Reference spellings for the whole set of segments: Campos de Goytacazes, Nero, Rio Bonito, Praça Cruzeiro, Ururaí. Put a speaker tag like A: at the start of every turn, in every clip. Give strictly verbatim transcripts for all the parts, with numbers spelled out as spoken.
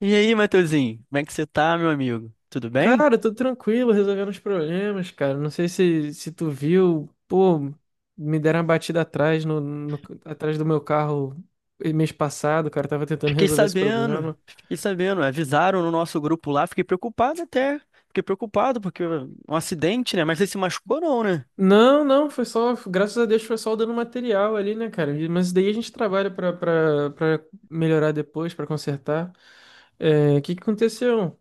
A: E aí, Matheusinho, como é que você tá, meu amigo? Tudo bem?
B: Cara, tô tranquilo, resolvendo os problemas, cara. Não sei se, se tu viu, pô, me deram uma batida atrás no, no- atrás do meu carro mês passado, cara. Tava tentando
A: Fiquei
B: resolver esse
A: sabendo,
B: problema.
A: fiquei sabendo, avisaram no nosso grupo lá, fiquei preocupado até, fiquei preocupado porque um acidente, né? Mas você se machucou não, né?
B: Não, não, foi só, graças a Deus foi só dando material ali, né, cara? Mas isso daí a gente trabalha pra, pra, pra melhorar depois, pra consertar. É, o que, que aconteceu?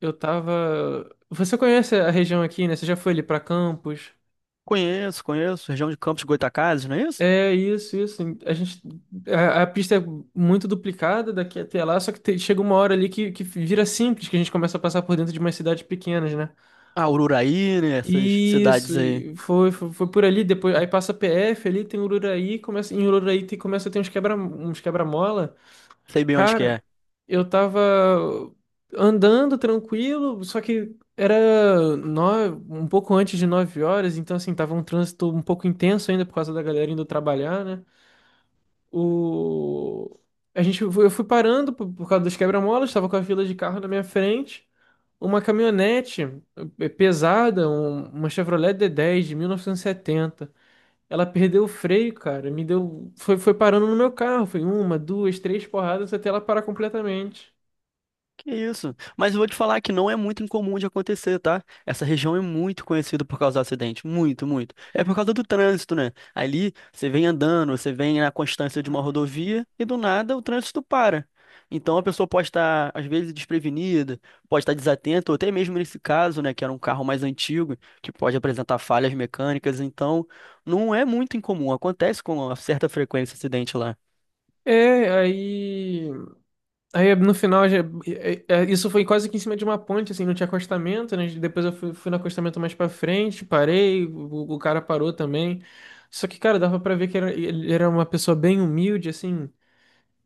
B: Eu tava. Você conhece a região aqui, né? Você já foi ali pra Campos?
A: Conheço, conheço, região de Campos de Goytacazes, não é isso?
B: É isso, isso. A gente, a, a pista é muito duplicada daqui até lá, só que te- chega uma hora ali que, que vira simples, que a gente começa a passar por dentro de umas cidades pequenas, né?
A: Ah, Ururaí, né? Essas
B: Isso,
A: cidades aí,
B: e foi, foi, foi por ali, depois aí passa P F ali, tem Ururaí, começa, em Ururaí tem, começa a ter uns quebra, uns quebra-mola.
A: sei bem onde que
B: Cara,
A: é.
B: eu tava andando tranquilo, só que era nove, um pouco antes de nove horas, então assim, tava um trânsito um pouco intenso ainda por causa da galera indo trabalhar, né? O... A gente, eu fui parando por, por causa dos quebra-molas, estava com a fila de carro na minha frente. Uma caminhonete eh, pesada, um- uma Chevrolet dê dez de mil novecentos e setenta. Ela perdeu o freio, cara. Me deu. Foi, foi parando no meu carro. Foi uma, duas, três porradas até ela parar completamente.
A: Que isso? Mas eu vou te falar que não é muito incomum de acontecer, tá? Essa região é muito conhecida por causar acidente, muito, muito. É por causa do trânsito, né? Ali você vem andando, você vem na constância de uma rodovia e do nada o trânsito para. Então a pessoa pode estar, às vezes, desprevenida, pode estar desatenta, ou até mesmo nesse caso, né, que era um carro mais antigo, que pode apresentar falhas mecânicas. Então não é muito incomum, acontece com uma certa frequência acidente lá.
B: É, aí. Aí no final, já- é- é- isso foi quase que em cima de uma ponte, assim, não tinha acostamento, né? Depois eu fui, fui no acostamento mais pra frente, parei, o, o cara parou também. Só que, cara, dava pra ver que era- ele era uma pessoa bem humilde, assim.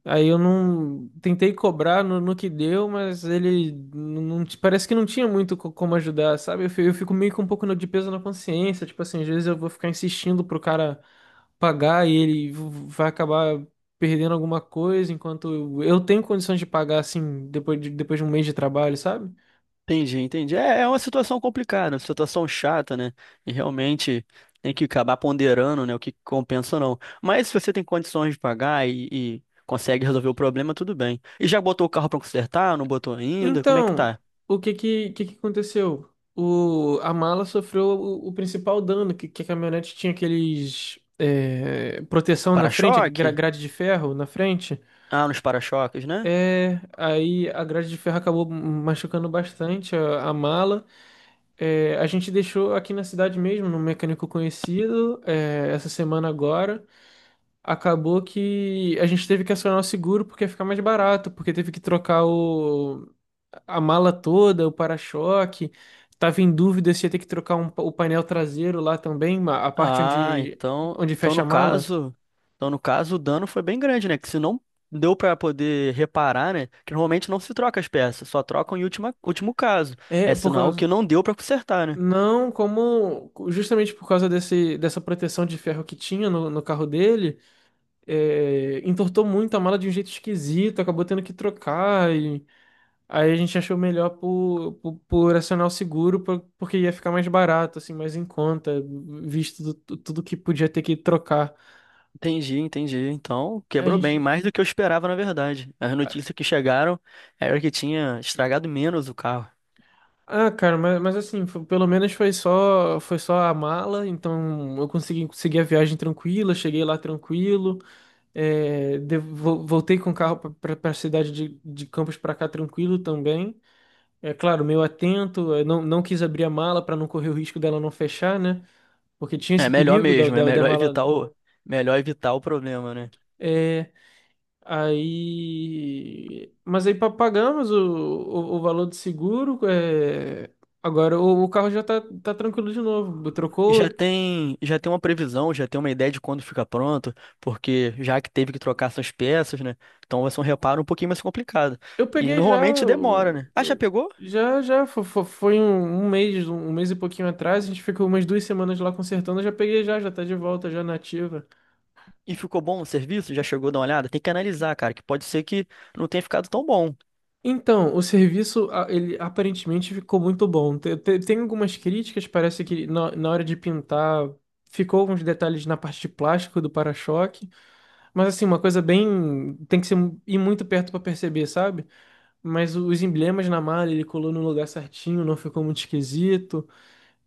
B: Aí eu não tentei cobrar no, no que deu, mas ele não, não- parece que não tinha muito co- como ajudar, sabe? Eu, fi- eu fico meio com um pouco no- de peso na consciência, tipo assim, às vezes eu vou ficar insistindo pro cara pagar e ele vai acabar perdendo alguma coisa enquanto eu, eu tenho condições de pagar assim depois de, depois de um mês de trabalho, sabe?
A: Entendi, entendi. É, é uma situação complicada, uma situação chata, né? E realmente tem que acabar ponderando, né, o que compensa ou não. Mas se você tem condições de pagar e, e consegue resolver o problema, tudo bem. E já botou o carro pra consertar? Não botou ainda? Como é que
B: Então,
A: tá?
B: o que que, que, que aconteceu? O, a mala sofreu o, o principal dano, que, que a caminhonete tinha aqueles é, proteção na frente, gra-
A: Para-choque?
B: grade de ferro na frente.
A: Ah, nos para-choques, né?
B: É, aí a grade de ferro acabou machucando bastante a a mala. É, a gente deixou aqui na cidade mesmo, num mecânico conhecido, é, essa semana agora. Acabou que a gente teve que acionar o seguro porque ia ficar mais barato, porque teve que trocar o, a mala toda, o para-choque. Tava em dúvida se ia ter que trocar um pa- o painel traseiro lá também, ma- a parte
A: Ah,
B: onde,
A: então,
B: onde
A: então
B: fecha
A: no
B: a mala.
A: caso, então no caso o dano foi bem grande, né? Que se não deu pra poder reparar, né? Que normalmente não se troca as peças, só trocam em última, último caso.
B: É,
A: É
B: por
A: sinal
B: causa.
A: que não deu pra consertar, né?
B: Não, como justamente por causa desse, dessa proteção de ferro que tinha no, no carro dele, é, entortou muito a mala de um jeito esquisito, acabou tendo que trocar. Aí a gente achou melhor por, por, por acionar o seguro, por- porque ia ficar mais barato, assim, mais em conta, visto do- tu- tudo que podia ter que trocar.
A: Entendi, entendi. Então,
B: A
A: quebrou bem,
B: gente.
A: mais do que eu esperava, na verdade. As notícias que chegaram era que tinha estragado menos o carro.
B: Ah, cara, mas, mas assim, foi- pelo menos foi só, foi só a mala, então eu consegui seguir a viagem tranquila, cheguei lá tranquilo, é, de- vo- voltei com o carro para a cidade de, de Campos para cá tranquilo também. É claro, meio atento, eu não, não quis abrir a mala para não correr o risco dela não fechar, né? Porque tinha
A: É
B: esse
A: melhor
B: perigo da,
A: mesmo, é
B: da, da
A: melhor
B: mala.
A: evitar o, melhor evitar o problema, né?
B: É, aí. Mas aí pa- pagamos o, o, o valor do seguro. é, Agora o, o carro já tá, tá tranquilo de novo.
A: E já
B: Trocou.
A: tem, já tem uma previsão, já tem uma ideia de quando fica pronto, porque já que teve que trocar essas peças, né? Então vai ser um reparo um pouquinho mais complicado.
B: Eu
A: E
B: peguei já.
A: normalmente demora,
B: o-
A: né? Ah, já
B: o-
A: pegou?
B: Já, já fo- fo- foi, um, um mês, um um mês e pouquinho atrás. A gente ficou umas duas semanas lá consertando. Eu já peguei já, já tá de volta, já nativa.
A: E ficou bom o serviço? Já chegou a dar uma olhada? Tem que analisar, cara, que pode ser que não tenha ficado tão bom.
B: Então, o serviço, a- ele aparentemente ficou muito bom. Te- te- Tem algumas críticas, parece que na, na hora de pintar ficou alguns detalhes na parte de plástico do para-choque. Mas assim, uma coisa bem. Tem que ser, ir muito perto pra perceber, sabe? Mas o- os emblemas na malha, ele colou no lugar certinho, não ficou muito esquisito.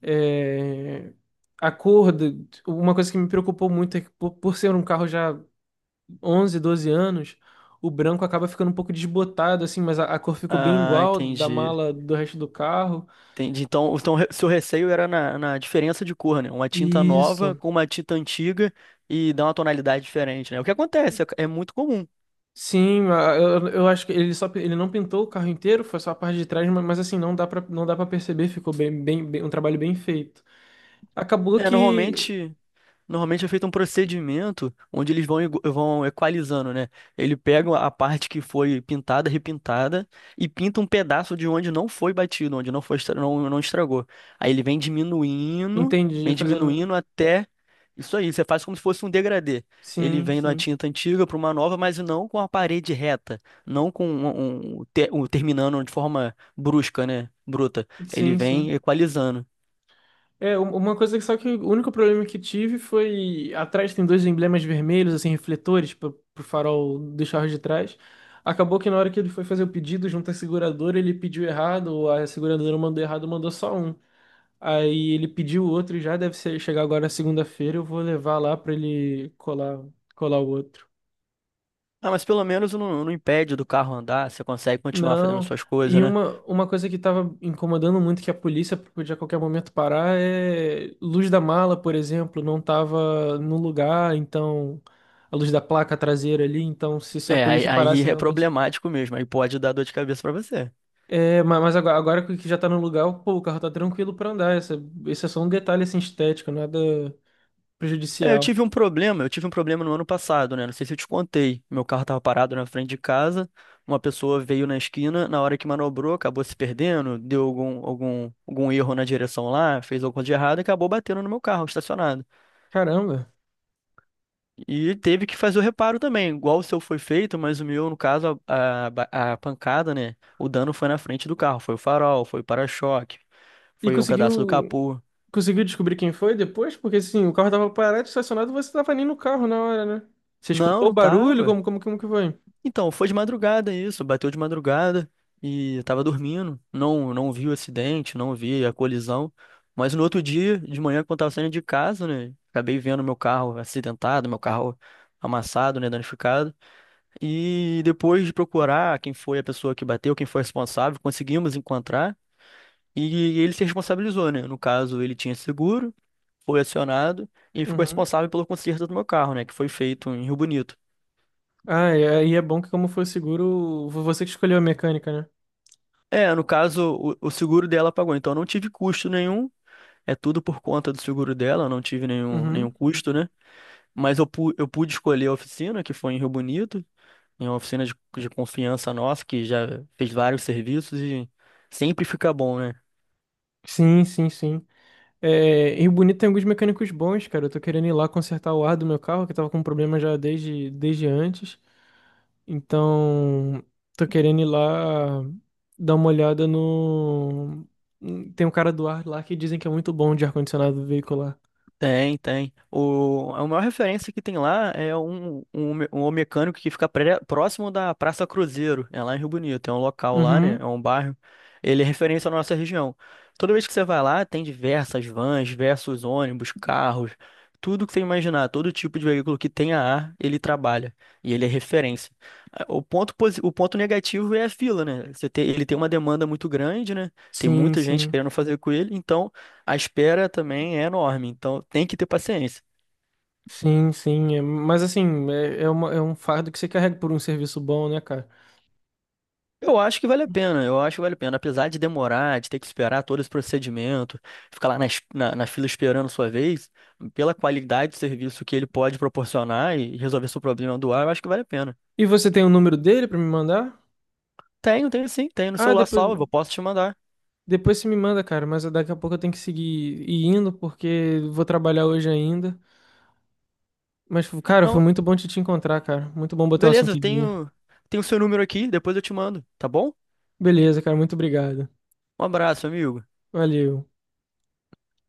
B: É, A cor, do- uma coisa que me preocupou muito é que por, por ser um carro já onze doze anos, o branco acaba ficando um pouco desbotado, assim, mas a, a cor ficou bem
A: Ah,
B: igual da
A: entendi.
B: mala do resto do carro.
A: Entendi. Então, então re- seu receio era na, na diferença de cor, né? Uma tinta nova
B: Isso.
A: com uma tinta antiga e dá uma tonalidade diferente, né? O que acontece, é, é muito comum.
B: Sim, a- eu, eu acho que ele só ele não pintou o carro inteiro, foi só a parte de trás, mas, mas assim, não dá pra, não dá para perceber, ficou bem, bem, bem- um trabalho bem feito. Acabou
A: É,
B: que,
A: normalmente. Normalmente é feito um procedimento onde eles vão, igu- vão equalizando, né? Ele pega a parte que foi pintada, repintada, e pinta um pedaço de onde não foi batido, onde não foi, estra- não, não estragou. Aí ele vem diminuindo,
B: entendi,
A: vem
B: fazendo.
A: diminuindo até. Isso aí, você faz como se fosse um degradê. Ele
B: Sim,
A: vem de uma
B: sim.
A: tinta antiga para uma nova, mas não com a parede reta, não com um, um- um te- um terminando de forma brusca, né? Bruta. Ele
B: Sim,
A: vem
B: sim.
A: equalizando.
B: É, um- uma coisa que só que o único problema que tive foi. Atrás tem dois emblemas vermelhos, assim, refletores, pro, pro farol dos carros de trás. Acabou que na hora que ele foi fazer o pedido junto à seguradora, ele pediu errado, ou a seguradora mandou errado, mandou só um. Aí ele pediu o outro, e já deve ser, chegar agora segunda-feira, eu vou levar lá pra ele colar, colar o outro.
A: Ah, mas pelo menos não, não impede do carro andar, você consegue continuar fazendo
B: Não.
A: suas coisas,
B: E
A: né?
B: uma, uma coisa que tava incomodando muito que a polícia podia a qualquer momento parar é luz da mala, por exemplo, não tava no lugar, então a luz da placa traseira ali, então se, se a
A: É, aí,
B: polícia parasse
A: aí é
B: realmente.
A: problemático mesmo, aí pode dar dor de cabeça pra você.
B: É, ma- mas agora, agora que já tá no lugar, pô, o carro tá tranquilo pra andar. Essa, esse é só um detalhe assim estético, nada
A: É, eu
B: prejudicial.
A: tive um problema, eu tive um problema no ano passado, né? Não sei se eu te contei. Meu carro tava parado na frente de casa, uma pessoa veio na esquina, na hora que manobrou, acabou se perdendo, deu algum, algum, algum erro na direção lá, fez alguma coisa de errado e acabou batendo no meu carro, estacionado.
B: Caramba.
A: E ele teve que fazer o reparo também, igual o seu foi feito, mas o meu, no caso, a, a, ba- a pancada, né? O dano foi na frente do carro, foi o farol, foi o para-choque,
B: E
A: foi um pedaço do
B: conseguiu.
A: capô.
B: Conseguiu descobrir quem foi depois? Porque assim, o carro tava parado, estacionado, você tava nem no carro na hora, né? Você
A: Não,
B: escutou o
A: não
B: barulho?
A: tava.
B: Como, como, como que foi?
A: Então, foi de madrugada isso, bateu de madrugada e eu tava dormindo. Não, não vi o acidente, não vi a colisão. Mas no outro dia, de manhã, quando tava saindo de casa, né? Acabei vendo meu carro acidentado, meu carro amassado, né? Danificado. E depois de procurar quem foi a pessoa que bateu, quem foi responsável, conseguimos encontrar e ele se responsabilizou, né? No caso, ele tinha seguro, foi acionado e ficou
B: Uhum.
A: responsável pelo conserto do meu carro, né? Que foi feito em Rio Bonito.
B: Ah, e aí é bom que como foi seguro, foi você que escolheu a mecânica, né?
A: É, no caso, o, o seguro dela pagou, então eu não tive custo nenhum. É tudo por conta do seguro dela, eu não tive nenhum,
B: Uhum.
A: nenhum custo, né? Mas eu, pu- eu pude escolher a oficina, que foi em Rio Bonito, em uma oficina de, de confiança nossa, que já fez vários serviços e sempre fica bom, né?
B: Sim, sim, sim. É, e o Bonito tem alguns mecânicos bons, cara. Eu tô querendo ir lá consertar o ar do meu carro, que tava com um problema já desde, desde antes. Então, tô querendo ir lá dar uma olhada no. Tem um cara do ar lá que dizem que é muito bom de ar-condicionado veicular.
A: Tem, tem. O, a maior referência que tem lá é um, um, me- um mecânico que fica pré- próximo da Praça Cruzeiro, é lá em Rio Bonito, é um local lá, né? É
B: Uhum.
A: um bairro. Ele é referência na nossa região. Toda vez que você vai lá, tem diversas vans, diversos ônibus, carros, tudo que você imaginar, todo tipo de veículo que tenha ar, ele trabalha. E ele é referência. Ah, o ponto, posi- o ponto negativo é a fila, né? Você tem, ele tem uma demanda muito grande, né? Tem
B: Sim,
A: muita gente
B: sim.
A: querendo fazer com ele, então. A espera também é enorme, então tem que ter paciência.
B: Sim, sim. é- Mas assim, é, é, uma- é um fardo que você carrega por um serviço bom, né, cara?
A: Eu acho que vale a pena, eu acho que vale a pena. Apesar de demorar, de ter que esperar todo esse procedimento, ficar lá na, es- na, na fila esperando sua vez, pela qualidade do serviço que ele pode proporcionar e resolver seu problema do ar, eu acho que vale a pena.
B: E você tem o número dele pra me mandar?
A: Tenho, tenho sim, tenho no
B: Ah,
A: celular
B: depois,
A: salvo, eu posso te mandar.
B: depois você me manda, cara. Mas daqui a pouco eu tenho que seguir ir indo, porque vou trabalhar hoje ainda. Mas, cara, foi
A: Não,
B: muito bom te, te encontrar, cara. Muito bom botar o
A: beleza,
B: assunto
A: eu
B: em dia.
A: tenho, tenho seu número aqui, depois eu te mando, tá bom?
B: Beleza, cara. Muito obrigado.
A: Um abraço, amigo.
B: Valeu.